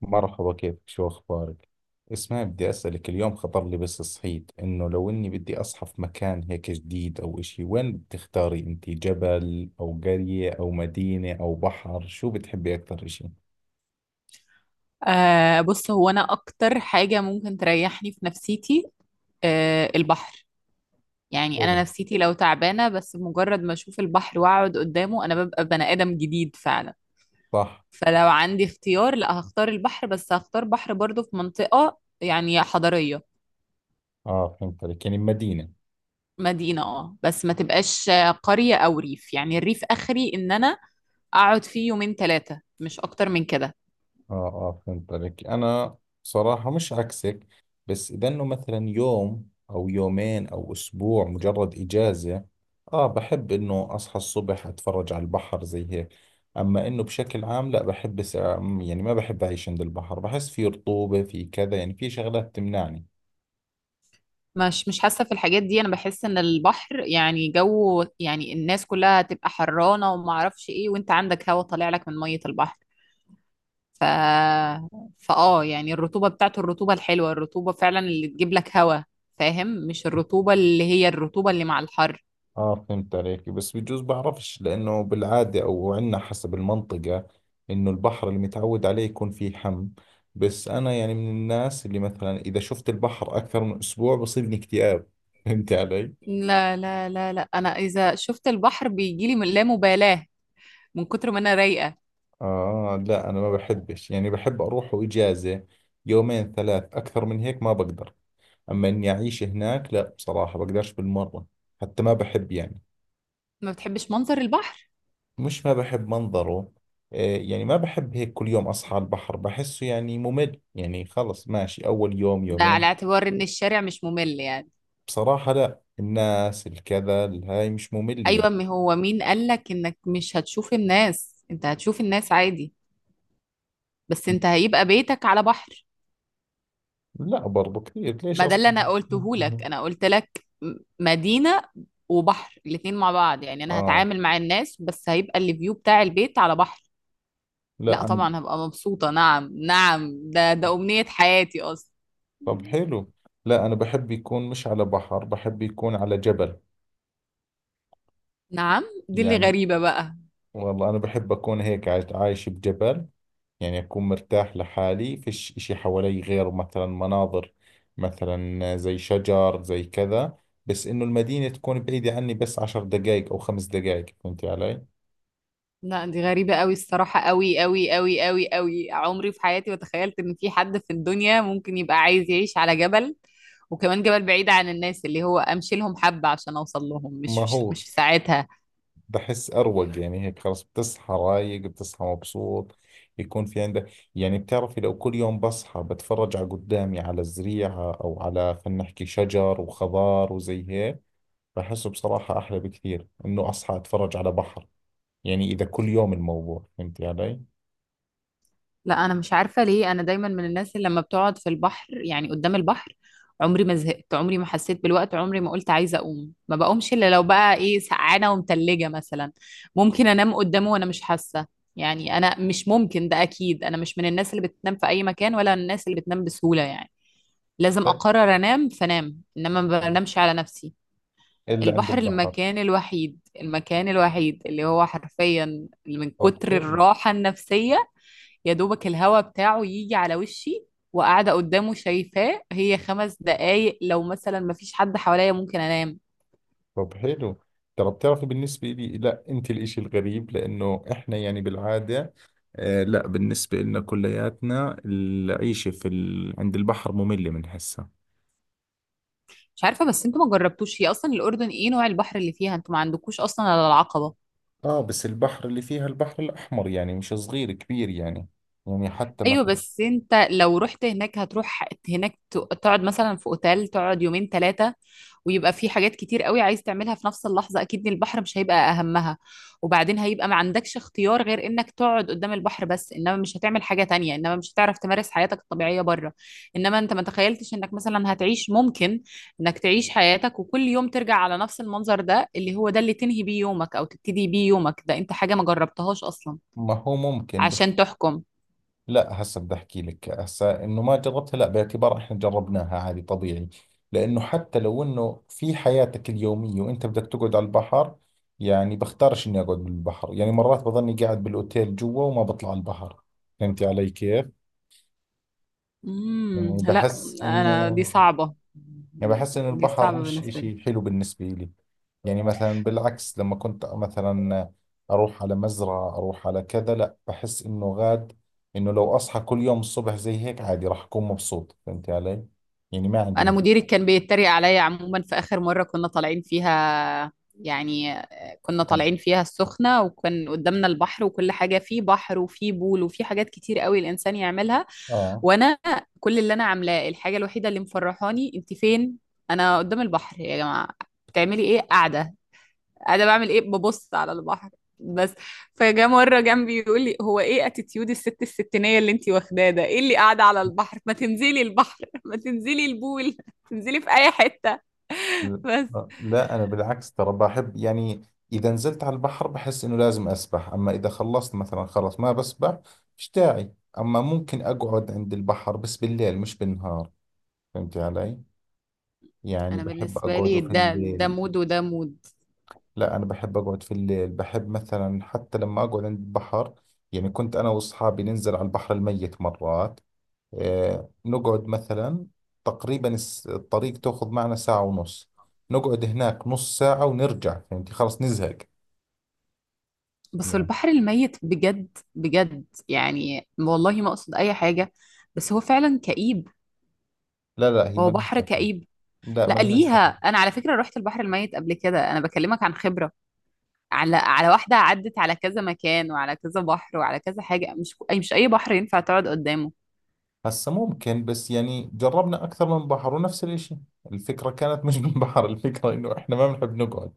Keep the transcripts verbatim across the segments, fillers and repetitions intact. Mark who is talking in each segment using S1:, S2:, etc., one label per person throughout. S1: مرحبا، كيفك؟ شو أخبارك؟ اسمعي، بدي أسألك. اليوم خطر لي بس صحيت إنه لو إني بدي أصحى في مكان هيك جديد أو إشي، وين بتختاري أنت؟ جبل أو قرية أو مدينة أو بحر؟ شو بتحبي أكثر إشي؟
S2: آه بص، هو انا اكتر حاجة ممكن تريحني في نفسيتي آه البحر. يعني
S1: حلو.
S2: انا نفسيتي لو تعبانة، بس بمجرد ما اشوف البحر واقعد قدامه انا ببقى بني ادم جديد فعلا.
S1: صح.
S2: فلو عندي اختيار لا هختار البحر، بس هختار بحر برضو في منطقة يعني حضرية.
S1: آه، فهمت عليك، يعني مدينة.
S2: مدينة اه، بس ما تبقاش قرية او ريف، يعني الريف اخري ان انا اقعد فيه يومين ثلاثة مش اكتر من كده.
S1: اه اه، فهمت عليك. انا صراحة مش عكسك، بس اذا انه مثلا يوم او يومين او اسبوع مجرد اجازة، اه بحب انه اصحى الصبح اتفرج على البحر زي هيك. اما انه بشكل عام لا، بحب سع- يعني ما بحب اعيش عند البحر، بحس في رطوبة، في كذا، يعني في شغلات تمنعني.
S2: مش مش حاسة في الحاجات دي، انا بحس ان البحر يعني جو، يعني الناس كلها هتبقى حرانة وما اعرفش ايه، وانت عندك هوا طالع لك من مية البحر. ف فاه يعني الرطوبة بتاعته، الرطوبة الحلوة، الرطوبة فعلا اللي تجيب لك هوا. فاهم؟ مش الرطوبة اللي هي الرطوبة اللي مع الحر.
S1: اه، فهمت عليك، بس بجوز بعرفش، لانه بالعاده او عندنا حسب المنطقه انه البحر اللي متعود عليه يكون فيه حم. بس انا يعني من الناس اللي مثلا اذا شفت البحر اكثر من اسبوع بصيبني اكتئاب فهمت علي.
S2: لا لا لا لا، انا اذا شفت البحر بيجيلي من لا مبالاة من كتر ما انا رايقة.
S1: اه لا، انا ما بحبش، يعني بحب اروح اجازه يومين ثلاث، اكثر من هيك ما بقدر. اما اني اعيش هناك لا، بصراحه بقدرش بالمره. حتى ما بحب يعني.
S2: ما بتحبش منظر البحر؟
S1: مش ما بحب منظره. آه، يعني ما بحب هيك كل يوم أصحى على البحر، بحسه يعني ممل، يعني خلص ماشي أول يوم
S2: ده على
S1: يومين.
S2: اعتبار ان الشارع مش ممل يعني؟
S1: بصراحة لا، الناس الكذا الهاي مش مملة يعني.
S2: ايوه، ما هو مين قالك انك مش هتشوف الناس؟ انت هتشوف الناس عادي، بس انت هيبقى بيتك على بحر.
S1: لا، برضو كثير ليش
S2: ما ده اللي
S1: أصلا.
S2: انا قلته لك، انا قلت لك م- مدينة وبحر الاتنين مع بعض، يعني انا
S1: آه
S2: هتعامل مع الناس بس هيبقى الفيو بتاع البيت على بحر. لا
S1: لا، أنا.
S2: طبعا هبقى مبسوطة، نعم نعم، ده ده امنية حياتي اصلا.
S1: طب حلو. لا، أنا بحب يكون مش على بحر، بحب يكون على جبل.
S2: نعم، دي اللي
S1: يعني
S2: غريبة بقى.
S1: والله أنا بحب أكون هيك عايش، عايش بجبل. يعني أكون مرتاح لحالي، فيش إشي حوالي غير مثلا مناظر، مثلا زي شجر زي كذا، بس إنه المدينة تكون بعيدة عني، بس عشر دقايق أو خمس دقايق. فهمتي علي؟
S2: لا دي غريبة قوي الصراحة، قوي قوي قوي قوي قوي، عمري في حياتي ما تخيلت ان في حد في الدنيا ممكن يبقى عايز يعيش على جبل، وكمان جبل بعيد عن الناس اللي هو امشي لهم حبة عشان اوصل لهم،
S1: ما
S2: مش مش,
S1: هو
S2: مش في ساعتها.
S1: بحس أروق، يعني هيك خلص، بتصحى رايق، بتصحى مبسوط. يكون في عندك، يعني بتعرفي لو كل يوم بصحى بتفرج على قدامي، على الزريعة أو على، خلينا نحكي، شجر وخضار وزي هيك. بحسه بصراحة أحلى بكثير إنه أصحى أتفرج على بحر، يعني إذا كل يوم الموضوع. فهمتي علي؟
S2: لا انا مش عارفه ليه، انا دايما من الناس اللي لما بتقعد في البحر يعني قدام البحر عمري ما زهقت، عمري ما حسيت بالوقت، عمري ما قلت عايزه اقوم، ما بقومش الا لو بقى ايه، سقعانه ومتلجه مثلا. ممكن انام قدامه وانا مش حاسه، يعني انا مش ممكن، ده اكيد انا مش من الناس اللي بتنام في اي مكان ولا الناس اللي بتنام بسهوله يعني، لازم
S1: لا،
S2: اقرر انام فنام، انما ما بنامش على نفسي.
S1: إلا عند
S2: البحر
S1: البحر.
S2: المكان الوحيد، المكان الوحيد اللي هو حرفيا من
S1: طب
S2: كتر
S1: حلو.
S2: الراحه النفسيه يا دوبك الهوا بتاعه يجي على وشي وقاعدة قدامه شايفاه، هي خمس دقايق لو مثلا مفيش حد حواليا ممكن انام.
S1: طب حلو. ترى بتعرفي بالنسبة لي، لا أنت الإشي الغريب، لأنه إحنا يعني بالعادة، آه لا، بالنسبة لنا كلياتنا العيشة في ال... عند البحر مملة من هسه.
S2: مش عارفة، بس انتوا ما جربتوش، هي اصلا الاردن ايه نوع البحر اللي فيها؟ انتوا ما عندكوش اصلا على العقبة؟
S1: آه، بس البحر اللي فيها، البحر الأحمر، يعني مش صغير، كبير يعني. يعني حتى ما,
S2: ايوه بس انت لو رحت هناك هتروح هناك ت- تقعد مثلا في اوتيل، تقعد يومين ثلاثه، ويبقى في حاجات كتير قوي عايز تعملها في نفس اللحظه، اكيد إن البحر مش هيبقى اهمها. وبعدين هيبقى ما عندكش اختيار غير انك تقعد قدام البحر، بس انما مش هتعمل حاجه تانية، انما مش هتعرف تمارس حياتك الطبيعيه بره. انما انت ما تخيلتش انك مثلا هتعيش، ممكن انك تعيش حياتك وكل يوم ترجع على نفس المنظر ده، اللي هو ده اللي تنهي بيه يومك او تبتدي بيه يومك، ده انت حاجه ما جربتهاش اصلا
S1: ما هو ممكن.
S2: عشان تحكم.
S1: لا، هسه بدي احكي لك، هسه انه ما جربتها، لا باعتبار احنا جربناها عادي طبيعي. لانه حتى لو انه في حياتك اليوميه وانت بدك تقعد على البحر، يعني بختارش اني اقعد بالبحر، يعني مرات بظني قاعد بالاوتيل جوا وما بطلع على البحر. فهمتي علي كيف؟
S2: امم
S1: يعني
S2: لا
S1: بحس
S2: انا، دي
S1: انه،
S2: صعبة،
S1: يعني بحس إن
S2: دي
S1: البحر
S2: صعبة
S1: مش
S2: بالنسبة لي.
S1: إشي حلو بالنسبة لي. يعني مثلا بالعكس، لما كنت مثلا أروح على مزرعة، أروح على كذا، لا، بحس إنه غاد، إنه لو أصحى كل يوم الصبح زي هيك عادي راح أكون مبسوط. فهمت علي؟ يعني ما عندي
S2: انا
S1: مشكلة.
S2: مديري كان بيتريق عليا عموما في اخر مرة كنا طالعين فيها يعني، كنا طالعين فيها السخنة وكان قدامنا البحر وكل حاجة، فيه بحر وفيه بول وفيه حاجات كتير قوي الانسان يعملها،
S1: آه
S2: وانا كل اللي انا عاملاه، الحاجة الوحيدة اللي مفرحاني، انت فين؟ انا قدام البحر يا جماعة. بتعملي ايه قاعدة؟ انا بعمل ايه، ببص على البحر بس. فجاء مره جنبي يقول لي هو ايه اتيتيود الست الستينيه اللي انتي واخداه ده، ايه اللي قاعده على البحر، ما تنزلي البحر ما تنزلي البول تنزلي في اي حته،
S1: ل-
S2: بس.
S1: لا، أنا بالعكس ترى بحب. يعني إذا نزلت على البحر بحس إنه لازم أسبح، أما إذا خلصت مثلا خلص ما بسبح، مش داعي. أما ممكن أقعد عند البحر، بس بالليل مش بالنهار. فهمت علي؟ يعني
S2: انا
S1: بحب
S2: بالنسبه
S1: أقعد
S2: لي
S1: في
S2: ده ده
S1: الليل.
S2: مود وده مود.
S1: لا، أنا بحب أقعد في الليل، بحب مثلا حتى لما أقعد عند البحر. يعني كنت أنا وأصحابي ننزل على البحر الميت مرات، آه، نقعد مثلا تقريبا، الس- الطريق تأخذ معنا ساعة ونص، نقعد هناك نص ساعة ونرجع. فهمتي؟ خلاص نزهق
S2: بس
S1: يعني.
S2: البحر الميت بجد بجد، يعني والله ما اقصد اي حاجه، بس هو فعلا كئيب،
S1: لا لا، هي
S2: هو
S1: ملهاش
S2: بحر
S1: دخل.
S2: كئيب.
S1: لا،
S2: لا
S1: ملهاش
S2: ليها،
S1: دخل.
S2: انا على فكره رحت البحر الميت قبل كده، انا بكلمك عن خبره، على على واحدة عدت على كذا مكان وعلى كذا بحر وعلى كذا حاجة، مش أي مش أي بحر ينفع تقعد قدامه.
S1: هسه ممكن، بس يعني جربنا أكثر من بحر ونفس الإشي. الفكرة كانت مش من بحر، الفكرة إنه إحنا ما بنحب نقعد،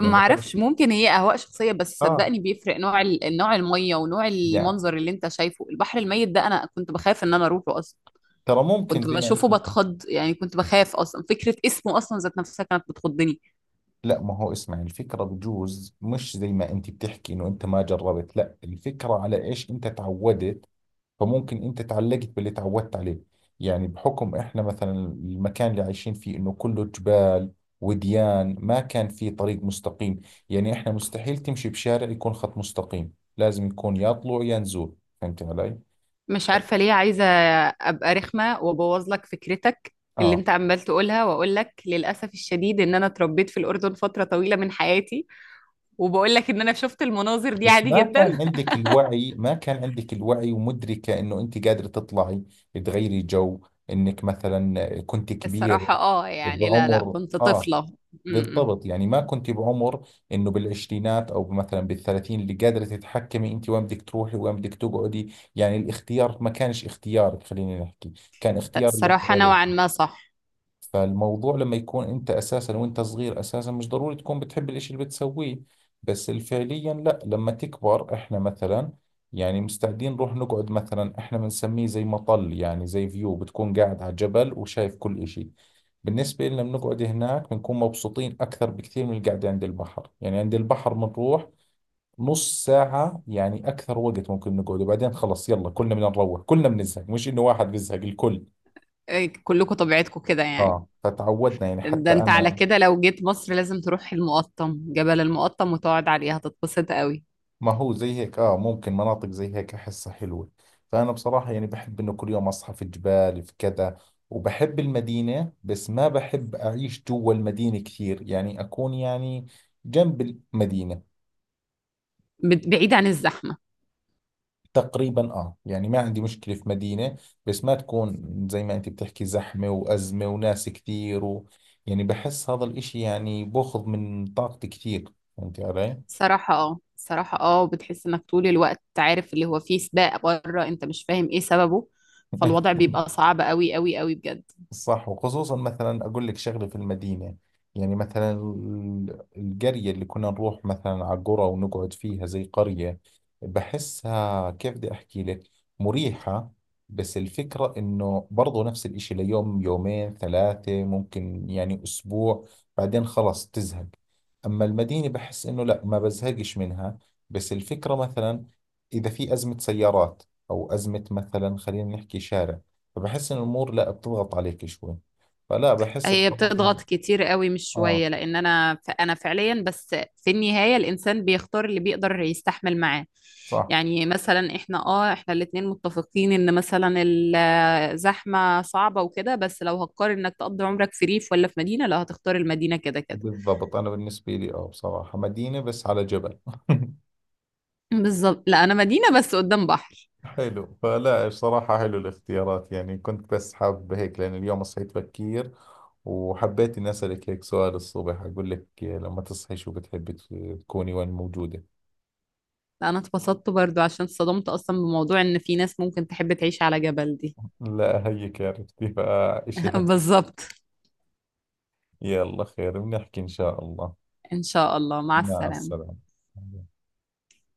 S2: ما
S1: خلص.
S2: اعرفش، ممكن هي اهواء شخصيه، بس
S1: آه،
S2: صدقني بيفرق نوع ال- نوع الميه ونوع
S1: يعني
S2: المنظر اللي انت شايفه. البحر الميت ده انا كنت بخاف ان انا اروحه اصلا،
S1: ترى ممكن
S2: كنت
S1: زي ما
S2: بشوفه
S1: انت.
S2: بتخض، يعني كنت بخاف اصلا فكره اسمه اصلا ذات نفسها كانت بتخضني.
S1: لا، ما هو اسمع، الفكرة بجوز مش زي ما انت بتحكي انه انت ما جربت، لا الفكرة على ايش انت تعودت، فممكن انت تعلقت باللي تعودت عليه. يعني بحكم احنا مثلا المكان اللي عايشين فيه انه كله جبال وديان، ما كان في طريق مستقيم، يعني احنا مستحيل تمشي بشارع يكون خط مستقيم، لازم يكون يا طلوع يا نزول. فهمت علي؟
S2: مش عارفه ليه عايزه ابقى رخمه وابوظ لك فكرتك اللي
S1: اه،
S2: انت عمال تقولها، واقول لك للاسف الشديد ان انا اتربيت في الاردن فتره طويله من حياتي، وباقول لك إن أنا شُفت المناظر دي
S1: بس
S2: عادي
S1: ما
S2: جدًا.
S1: كان عندك الوعي، ما كان عندك الوعي ومدركة انه انت قادرة تطلعي، تغيري جو، انك مثلا كنت كبير
S2: الصراحة آه، يعني لا، لأ،
S1: بعمر،
S2: كنت
S1: اه.
S2: طفلة، إمم، إمم.
S1: بالضبط، يعني ما كنت بعمر انه بالعشرينات او مثلا بالثلاثين اللي قادرة تتحكمي انت وين بدك تروحي وين بدك تقعدي، يعني الاختيار ما كانش اختيارك، خلينا نحكي كان اختيار اللي
S2: الصراحة
S1: حواليك.
S2: نوعًا ما صح.
S1: فالموضوع لما يكون انت اساسا وانت صغير اساسا مش ضروري تكون بتحب الاشي اللي بتسويه، بس فعليا لا، لما تكبر، احنا مثلا يعني مستعدين نروح نقعد مثلا، احنا بنسميه زي مطل، يعني زي فيو، بتكون قاعد على جبل وشايف كل اشي. بالنسبة لنا بنقعد هناك بنكون مبسوطين أكثر بكثير من القعدة عند البحر. يعني عند البحر بنروح نص ساعة، يعني أكثر وقت ممكن نقعد وبعدين خلص، يلا كلنا بدنا نروح، كلنا بنزهق، مش إنه واحد بيزهق الكل.
S2: آآ كلّكم طبيعتكم كده يعني.
S1: آه، فتعودنا، يعني
S2: ده
S1: حتى
S2: أنت على
S1: أنا،
S2: كده لو جيت مصر لازم تروح المُقطّم، جبل المُقطّم وتقعد عليه هتتبسط أوي،
S1: ما هو زي هيك، اه ممكن مناطق زي هيك احسها حلوة. فانا بصراحة يعني بحب انه كل يوم اصحى في جبال، في كذا. وبحب المدينة، بس ما بحب اعيش جوا المدينة كثير، يعني اكون يعني جنب المدينة
S2: بت بعيد عن الزحمة.
S1: تقريبا، اه. يعني ما عندي مشكلة في مدينة، بس ما تكون زي ما انت بتحكي زحمة وازمة وناس كثير و، يعني بحس هذا الاشي يعني بأخذ من طاقتي كثير. فهمتي علي؟
S2: الصراحة آه، الصراحة آه، وبتحس إنك طول الوقت عارف اللي هو في سباق برّه أنت مش فاهم إيه سببه، فالوضع بيبقى صعب أوي، أوي، أوي بجد.
S1: صح. وخصوصا مثلا أقول لك شغلة في المدينة، يعني مثلا ال- القرية اللي كنا نروح مثلا على قرى ونقعد فيها، زي قرية، بحسها كيف بدي أحكي لك، مريحة، بس الفكرة إنه برضو نفس الإشي ليوم يومين ثلاثة، ممكن يعني أسبوع، بعدين خلص تزهق. أما المدينة بحس إنه لا، ما بزهقش منها. بس الفكرة مثلا إذا في أزمة سيارات أو أزمة مثلا، خلينا نحكي شارع، فبحس إن الأمور لا بتضغط عليك شوي. فلا بحس
S2: هي
S1: بصراحة.
S2: بتضغط كتير قوي مش
S1: آه،
S2: شوية، لأن أنا ف- أنا فعليا بس في النهاية الإنسان بيختار اللي بيقدر يستحمل معاه.
S1: صح.
S2: يعني مثلا إحنا آه إحنا الاتنين متفقين إن مثلا الزحمة صعبة وكده، بس لو هتقارن إنك تقضي عمرك في ريف ولا في مدينة لا هتختار المدينة كده كده.
S1: بالضبط، أنا بالنسبة لي آه بصراحة مدينة بس على جبل
S2: بالظبط، لا أنا مدينة بس قدام بحر.
S1: حلو، فلا بصراحة حلو الاختيارات. يعني كنت بس حاب هيك، لأن اليوم صحيت بكير وحبيت إني أسألك هيك سؤال الصبح، أقول لك لما تصحي شو بتحبي، ت- تكوني وين موجودة.
S2: لا أنا اتبسطت برضو عشان اتصدمت أصلا بموضوع إن في ناس ممكن تحب تعيش على جبل دي.
S1: لا هيك عرفتي، فإشي حلو.
S2: بالظبط.
S1: يلا، خير، بنحكي إن شاء الله.
S2: إن شاء الله، مع
S1: مع
S2: السلامة.
S1: السلامة.